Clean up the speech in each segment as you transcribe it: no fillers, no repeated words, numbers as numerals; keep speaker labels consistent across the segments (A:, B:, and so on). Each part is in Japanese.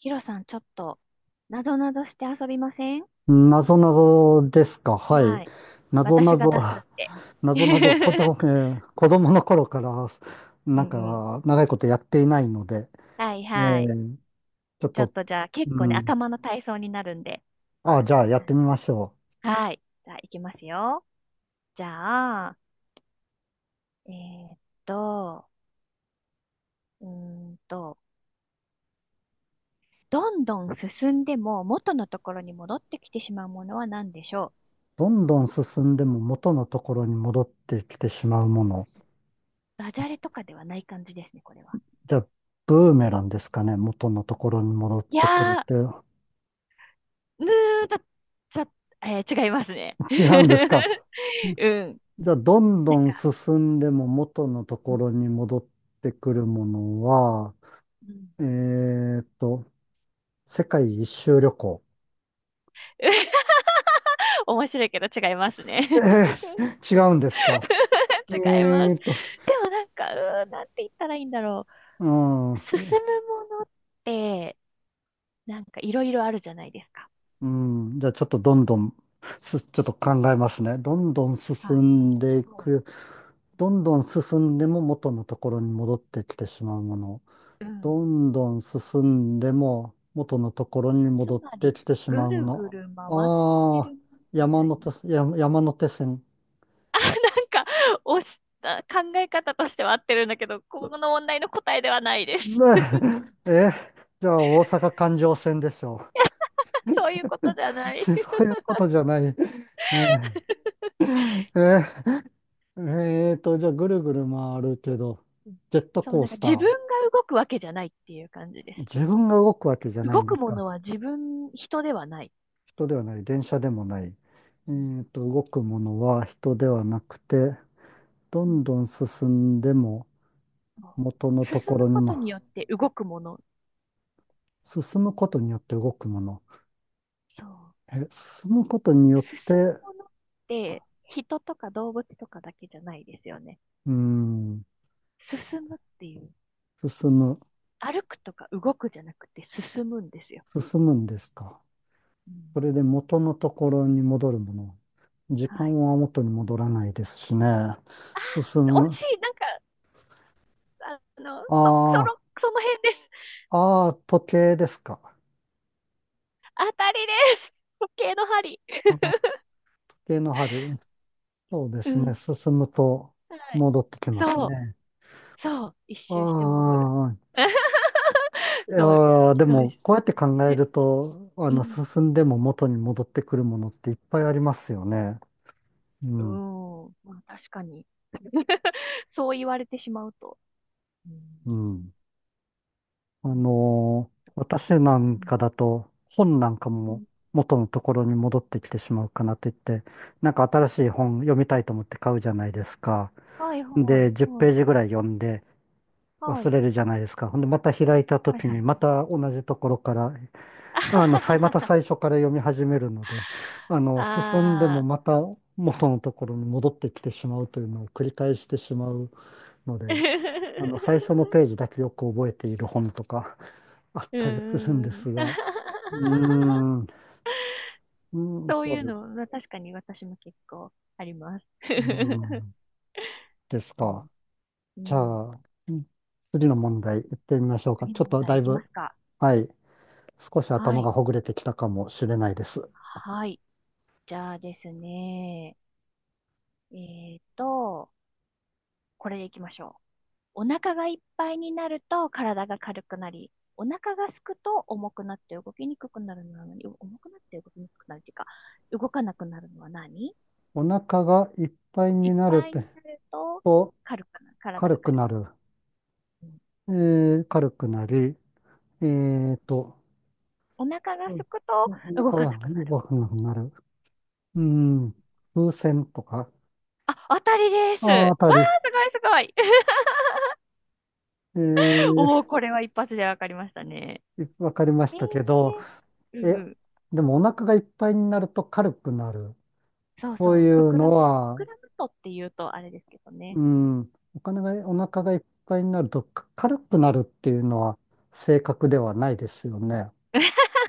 A: ヒロさん、ちょっと、なぞなぞして遊びません？
B: なぞなぞですか？はい。
A: はい。
B: なぞな
A: 私が
B: ぞ、
A: 出すんで。
B: なぞなぞ、子供、子供の頃から、
A: う
B: なん
A: んうん。
B: か、長いことやっていないので、
A: はい
B: え
A: はい。
B: ーちょっ
A: ちょっ
B: と、
A: とじゃあ、結
B: う
A: 構ね、
B: ん。
A: 頭の体操になるんで。
B: あ、じゃあやってみましょう。
A: はい。じゃあ、いきますよ。じゃあ、えーっと、うーんと、どんどん進んでも元のところに戻ってきてしまうものは何でしょう？
B: どんどん進んでも元のところに戻ってきてしまうもの。
A: ダジャレとかではない感じですね、これは。
B: じゃあ、ブーメランですかね。元のところに戻っ
A: いや
B: てくるって。
A: ー、ぬーと、ちょ、違いますね。
B: 違うんですか？
A: うん。
B: じゃあ、どん
A: な
B: ど
A: ん
B: ん
A: か、
B: 進んでも元のと
A: う
B: こ
A: ん
B: ろに戻ってくるものは、
A: うん。
B: えーっと、世界一周旅行。
A: 面白いけど違いますね。
B: え 違うんですか？
A: 違いま
B: えー
A: す。
B: っと、
A: でもなんか、なんて言ったらいいんだろ
B: う
A: う。
B: ん、
A: 進むものって、なんかいろいろあるじゃないですか。
B: うん、じゃあちょっとどんどん、ちょっと考えますね。どんどん進
A: はい。
B: んでい
A: そ
B: く。どんどん進んでも元のところに戻ってきてしまうもの。
A: う。うん。
B: どんどん進んでも元のところに
A: つ
B: 戻っ
A: ま
B: て
A: り、
B: きてし
A: ぐ
B: まう
A: るぐ
B: も
A: る回って
B: の。ああ、
A: るものみ
B: 山
A: たいな。
B: 手線、山山手線。
A: あ、なんか、あ、考え方としては合ってるんだけど、この問題の答えではないです。
B: ねえ、じゃあ大阪環状線でしょう。
A: そういうことじゃな い。
B: そういうことじゃない。ええええーと、じゃあぐるぐる回るけど、ジェット
A: そう、
B: コー
A: なんか
B: スタ
A: 自
B: ー。
A: 分が動くわけじゃないっていう感じです。
B: 自分が動くわけじゃない
A: 動
B: んで
A: く
B: す
A: も
B: か？
A: のは自分、人ではない。
B: 人ではない、電車でもない。
A: うん、
B: 動くものは人ではなくて、どんどん進んでも
A: そ
B: 元の
A: う。
B: と
A: 進
B: こ
A: む
B: ろに
A: こと
B: も、
A: によって動くもの。
B: 進むことによって動くもの。
A: そう。
B: 進むことによっ
A: 進
B: て、
A: む
B: う
A: ものって人とか動物とかだけじゃないですよね。
B: ーん、
A: 進むっていう。
B: 進む、
A: 歩くとか動くじゃなくて進むんですよ。
B: 進むんですか？
A: うん。
B: それで元のところに戻るもの。時
A: はい。
B: 間は元に戻らないですしね。
A: あ
B: 進
A: ー、惜
B: む。
A: しい。なんか、あの、そ、その、
B: あ
A: その辺です。
B: あ、ああ、時計ですか？
A: 当たりです。時計の針。
B: ああ、時計の針。そうで
A: う
B: すね。
A: ん。
B: 進むと
A: はい。
B: 戻ってきます
A: そう。
B: ね。
A: そう、一
B: あ
A: 周して戻る。
B: あ、いや
A: どう、
B: ーで
A: どう
B: も、
A: です
B: こう
A: か
B: やって考え
A: ね。
B: ると、
A: うん。
B: 進んでも元に戻ってくるものっていっぱいありますよね。う
A: う
B: ん、
A: ん。まあ確かに。そう言われてしまうと。うん。
B: うん。
A: うん
B: 私なんか
A: う
B: だと本なんか
A: んう
B: も
A: ん。
B: 元のところに戻ってきてしまうかなと言って、なんか新しい本読みたいと思って買うじゃないですか。
A: はいはい。
B: で、10
A: は
B: ペー
A: い。
B: ジぐらい読んで
A: は
B: 忘
A: い。
B: れるじゃないですか。ほんで、また開いた
A: はい
B: 時
A: は
B: に
A: い。
B: また同じところから、
A: あは
B: ま
A: は
B: た
A: は
B: 最初から読み始めるので、進んで
A: は。
B: も
A: あ
B: また元のところに戻ってきてしまうというのを繰り返してしまうので、
A: ー。
B: 最初のページ だけよく覚えている本とか、あっ
A: う
B: たりするんで
A: ーん。
B: すが。うー ん、うん、
A: そう
B: そう
A: いう
B: です。
A: の、まあ、確かに私も結構あります。
B: うー ん、です
A: うん、
B: か。
A: う
B: じゃ
A: ん。
B: あ、うん、次の問題行ってみましょう
A: 次
B: か。ち
A: の
B: ょっ
A: 問
B: とだ
A: 題い
B: い
A: きま
B: ぶ、
A: すか？
B: はい、少し
A: は
B: 頭
A: い。
B: がほぐれてきたかもしれないです。
A: はい。じゃあですね。えっと、これでいきましょう。お腹がいっぱいになると体が軽くなり、お腹がすくと重くなって動きにくくなるのは何？お、重くなって動きにくくなるっていうか、動かなくなるのは何？
B: お腹がいっぱい
A: い
B: に
A: っ
B: なる
A: ぱいになると
B: と
A: 軽くなる。体
B: 軽
A: が
B: く
A: 軽
B: な
A: くなる。
B: る。
A: うん。
B: 軽くなり、えーと、
A: お腹が
B: うん、
A: すくと
B: お
A: 動
B: 腹
A: かな
B: が
A: くなる
B: 動か
A: も
B: な
A: の。
B: くなる。うん、風船とか、
A: あ、当たりです。
B: あー、あた
A: わ
B: り、
A: ー、すごいすごい。
B: え ー
A: おー、これは一発でわかりましたね。
B: わかりま
A: え
B: し
A: ー、
B: たけど、
A: う
B: え、
A: ん。
B: でもお腹がいっぱいになると軽くなる。
A: そうそ
B: そうい
A: う、
B: うの
A: 膨
B: は、
A: らむとっていうとあれですけど
B: う
A: ね。
B: ん、お腹がいっぱいになるとか軽くなるっていうのは正確ではないですよね。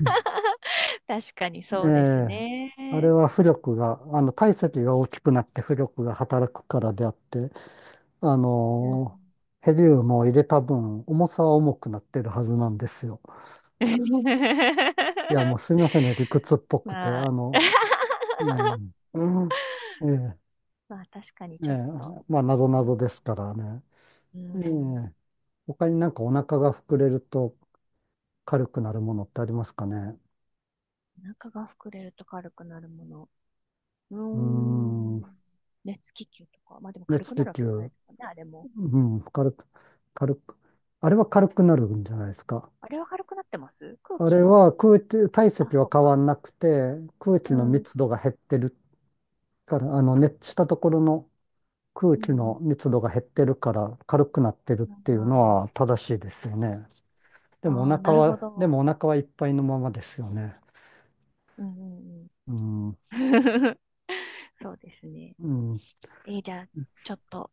B: ね
A: 確かに
B: え
A: そうです
B: え、あれ
A: ね。
B: は浮力が、体積が大きくなって浮力が働くからであって、あ
A: うん。
B: のヘリウムを入れた分、重さは重くなってるはずなんですよ。いや、もうすみませんね、理屈っぽくて、
A: まあ。
B: ええ、うん、ええ
A: まあ確かに
B: え
A: ちょ
B: え、
A: っと、
B: まあ、なぞ
A: こ
B: なぞで
A: の、
B: すからね。
A: う
B: え
A: ん、
B: え、他になんかお腹が膨れると軽くなるものってありますかね。
A: お腹が膨れると軽くなるもの。うー
B: うーん、
A: ん、熱気球とか。まあでも軽
B: 熱
A: くな
B: 気
A: るわけじゃない
B: 球、
A: ですもんね、あれも。
B: うん、軽く、あれは軽くなるんじゃないですか？
A: あれは軽くなってます、空
B: あ
A: 気
B: れ
A: の。
B: は空気、体
A: あ、
B: 積
A: そ
B: は
A: う
B: 変わ
A: か。
B: んなくて、空気
A: う
B: の
A: ん。
B: 密度が減ってるから、熱したところの空
A: う
B: 気
A: ん。
B: の密度が減ってるから軽くなってるっ
A: あ
B: ていうの
A: ー
B: は正しいですよね。
A: あー、なるほ
B: で
A: ど。
B: もお腹はいっぱいのままですよね。
A: うんうんうん。
B: うん
A: そうですね。
B: うん。
A: じゃあ、ちょっと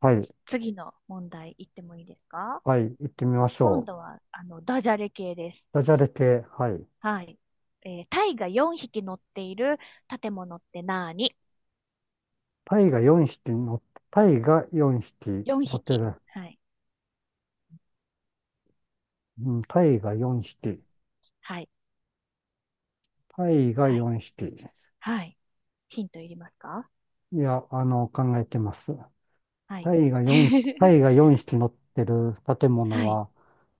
B: はい。
A: 次の問題いってもいいですか？
B: はい。行ってみまし
A: 今
B: ょう。
A: 度は、ダジャレ系です。
B: ダジャレ系。はい。
A: はい。タイが4匹乗っている建物って何
B: タイが4匹乗っタイが4匹
A: ?4
B: 乗って
A: 匹。
B: る。
A: はい。
B: うん。タイが4匹。
A: はい。
B: タイが
A: はい。
B: 4匹。
A: はい。ヒントいりますか？
B: いや、考えてます。
A: はい。
B: タ イが4匹乗ってる建物
A: はい。
B: は、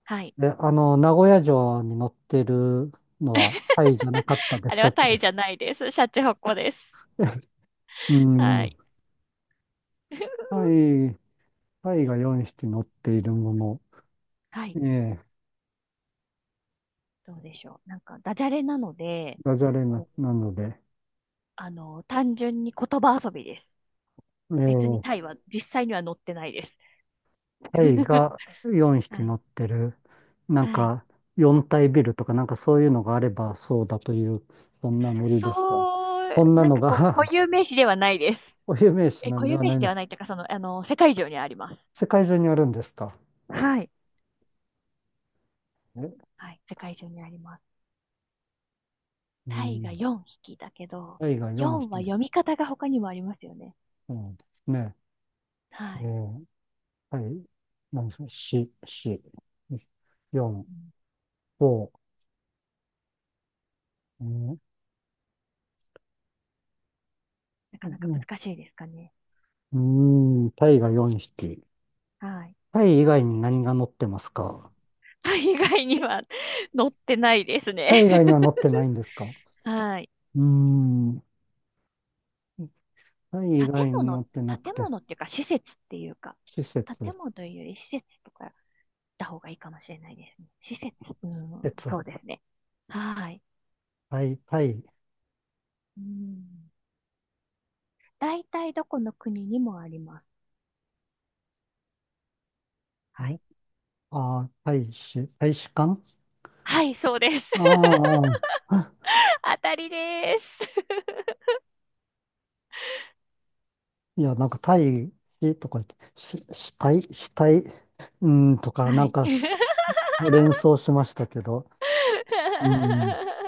A: はい。
B: え、あの、名古屋城に乗ってるのはタイじゃ なかったで
A: あ
B: し
A: れ
B: た
A: は
B: っ
A: タイ
B: け？
A: じゃないです。シャチホコです。
B: う
A: は
B: ん。
A: い。
B: タ イ、タイが4匹乗っているもの。
A: はい。
B: ええ、
A: どうでしょう。なんか、ダジャレなので、
B: ダジャレな、
A: こう、
B: なので。
A: 単純に言葉遊びです。別に
B: え
A: タ
B: え、
A: イは実際には載ってないです。
B: タイ が4
A: は
B: 匹
A: い。
B: 乗ってる、なん
A: はい。
B: か4体ビルとかなんかそういうのがあればそうだという、そんなノリですか？
A: そ
B: こ
A: う、
B: んな
A: なん
B: の
A: か
B: が
A: 固有名詞ではないです。
B: お有名詞な
A: 固
B: んで
A: 有
B: は
A: 名
B: な
A: 詞
B: い
A: で
B: で
A: はな
B: す。
A: いというか、世界中にあります。
B: 世界中にあるんですか？
A: はい。
B: え
A: はい。世界中にあります。
B: う
A: タイが
B: ん。
A: 4匹だけど、
B: タイが4
A: 4は
B: 匹。
A: 読み方が他にもありますよね。
B: そうですね。
A: は
B: え
A: い。
B: ー、タイ、何でしょう。し、し、4、
A: うん、
B: 5、うん
A: な
B: う
A: かなか
B: ん
A: 難しいですかね。
B: うん、タイが4匹。
A: はい。
B: タイ以外に何が乗ってますか？
A: タイ以外には載ってないですね。
B: タイ以 外には乗ってないんですか？
A: はい。
B: うーん。タイ以
A: 建
B: 外の
A: 物、
B: ってなく
A: 建
B: て、
A: 物っていうか、施設っていうか、
B: 施設、
A: 建
B: 施
A: 物というより施設とかだ方がいいかもしれないですね。施設、うん、
B: 設、
A: そうですね。はい。
B: タイ、タイ、
A: うん。大体どこの国にもあります。はい。
B: え、あー、大使館。
A: はい、そうです。
B: ああー、
A: 当たりで
B: いや、なんかタイとか言って、死体、死体、うん、と
A: す。
B: か、な
A: は
B: ん
A: い。
B: か連想しましたけど、うん、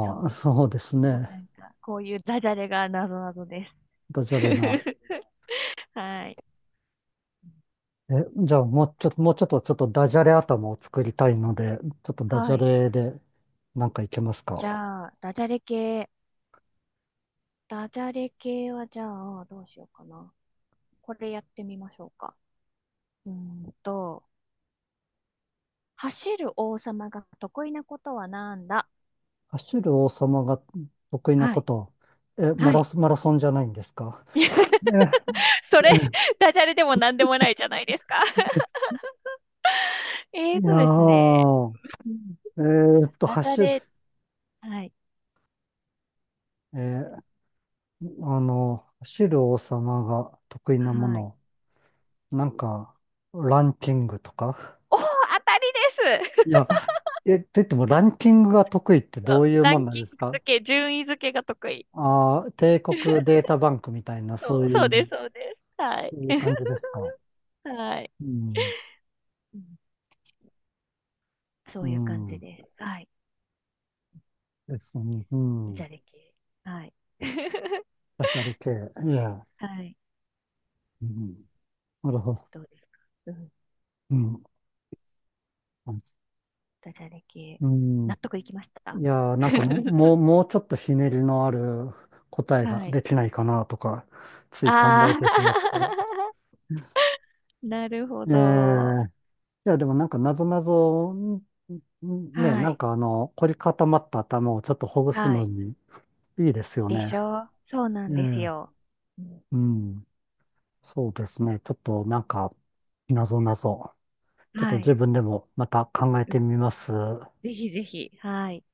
A: そ
B: あ、そうです
A: う。もう
B: ね。
A: なんか、こういうダジャレがなぞなぞです。
B: ダジャレな。
A: はい。
B: え、じゃあ、もうちょっと、ちょっとダジャレ頭を作りたいので、ちょっとダジ
A: は
B: ャ
A: い。
B: レで、なんかいけます
A: じ
B: か？
A: ゃあ、ダジャレ系。ダジャレ系はじゃあ、どうしようかな。これやってみましょうか。うーんと、走る王様が得意なことはなんだ？
B: 走る王様が得意な
A: は
B: こ
A: い。
B: と、マ
A: は
B: ラ
A: い。
B: ソン、マラソンじゃないんですか？ え、
A: それ、
B: え
A: ダジャレでも何でもないじゃないですか。
B: いや
A: ですね。
B: ー、えーっと、
A: ダジャ
B: 走る、
A: レ、はい。
B: えー走る王様が得意なも
A: はい。
B: の、なんか、ランキングとか。
A: おー、当たりで
B: い
A: す。
B: や、と言ってもランキングが得意って
A: そ
B: ど
A: う、
B: ういう
A: ラ
B: もん
A: ン
B: な
A: キ
B: んです
A: ング
B: か？
A: 付け、順位付けが得意。
B: ああー、帝国 データバンクみたいな、そ
A: そ
B: う
A: う、
B: い
A: そうで
B: う、
A: す、そうです。は
B: そ
A: い。
B: ういう感 じですか？
A: はい。
B: うん、
A: うん。そ
B: う
A: ういう感じ
B: ん、
A: です。はい。
B: ですね、う
A: ダ
B: ん、う
A: ジ
B: ん、
A: ャレ系。はい。
B: ダジャレ系、いや。
A: はい。
B: うん、なるほど。
A: どうですか？うん。
B: うん。
A: ダジャレ系。
B: うん。
A: 納得いきまし
B: い
A: た。
B: やー、なんかももう、もうちょっとひねりのある答えが
A: はい。
B: できないかなとか、つい考
A: あ
B: え
A: あ。
B: てしまって。
A: なるほ
B: え
A: ど。
B: え、いや、でもなんか、なぞなぞ、
A: は
B: なん
A: い。
B: か凝り固まった頭をちょっとほぐす
A: は
B: の
A: い。
B: にいいですよ
A: でし
B: ね。
A: ょう？そうな
B: え
A: んです
B: え、
A: よ。うん。
B: うん。そうですね。ちょっとなんか、なぞなぞ、ちょっと
A: はい。
B: 自分でもまた考え
A: う
B: て
A: ん、
B: みます。
A: ぜひぜひ。はい。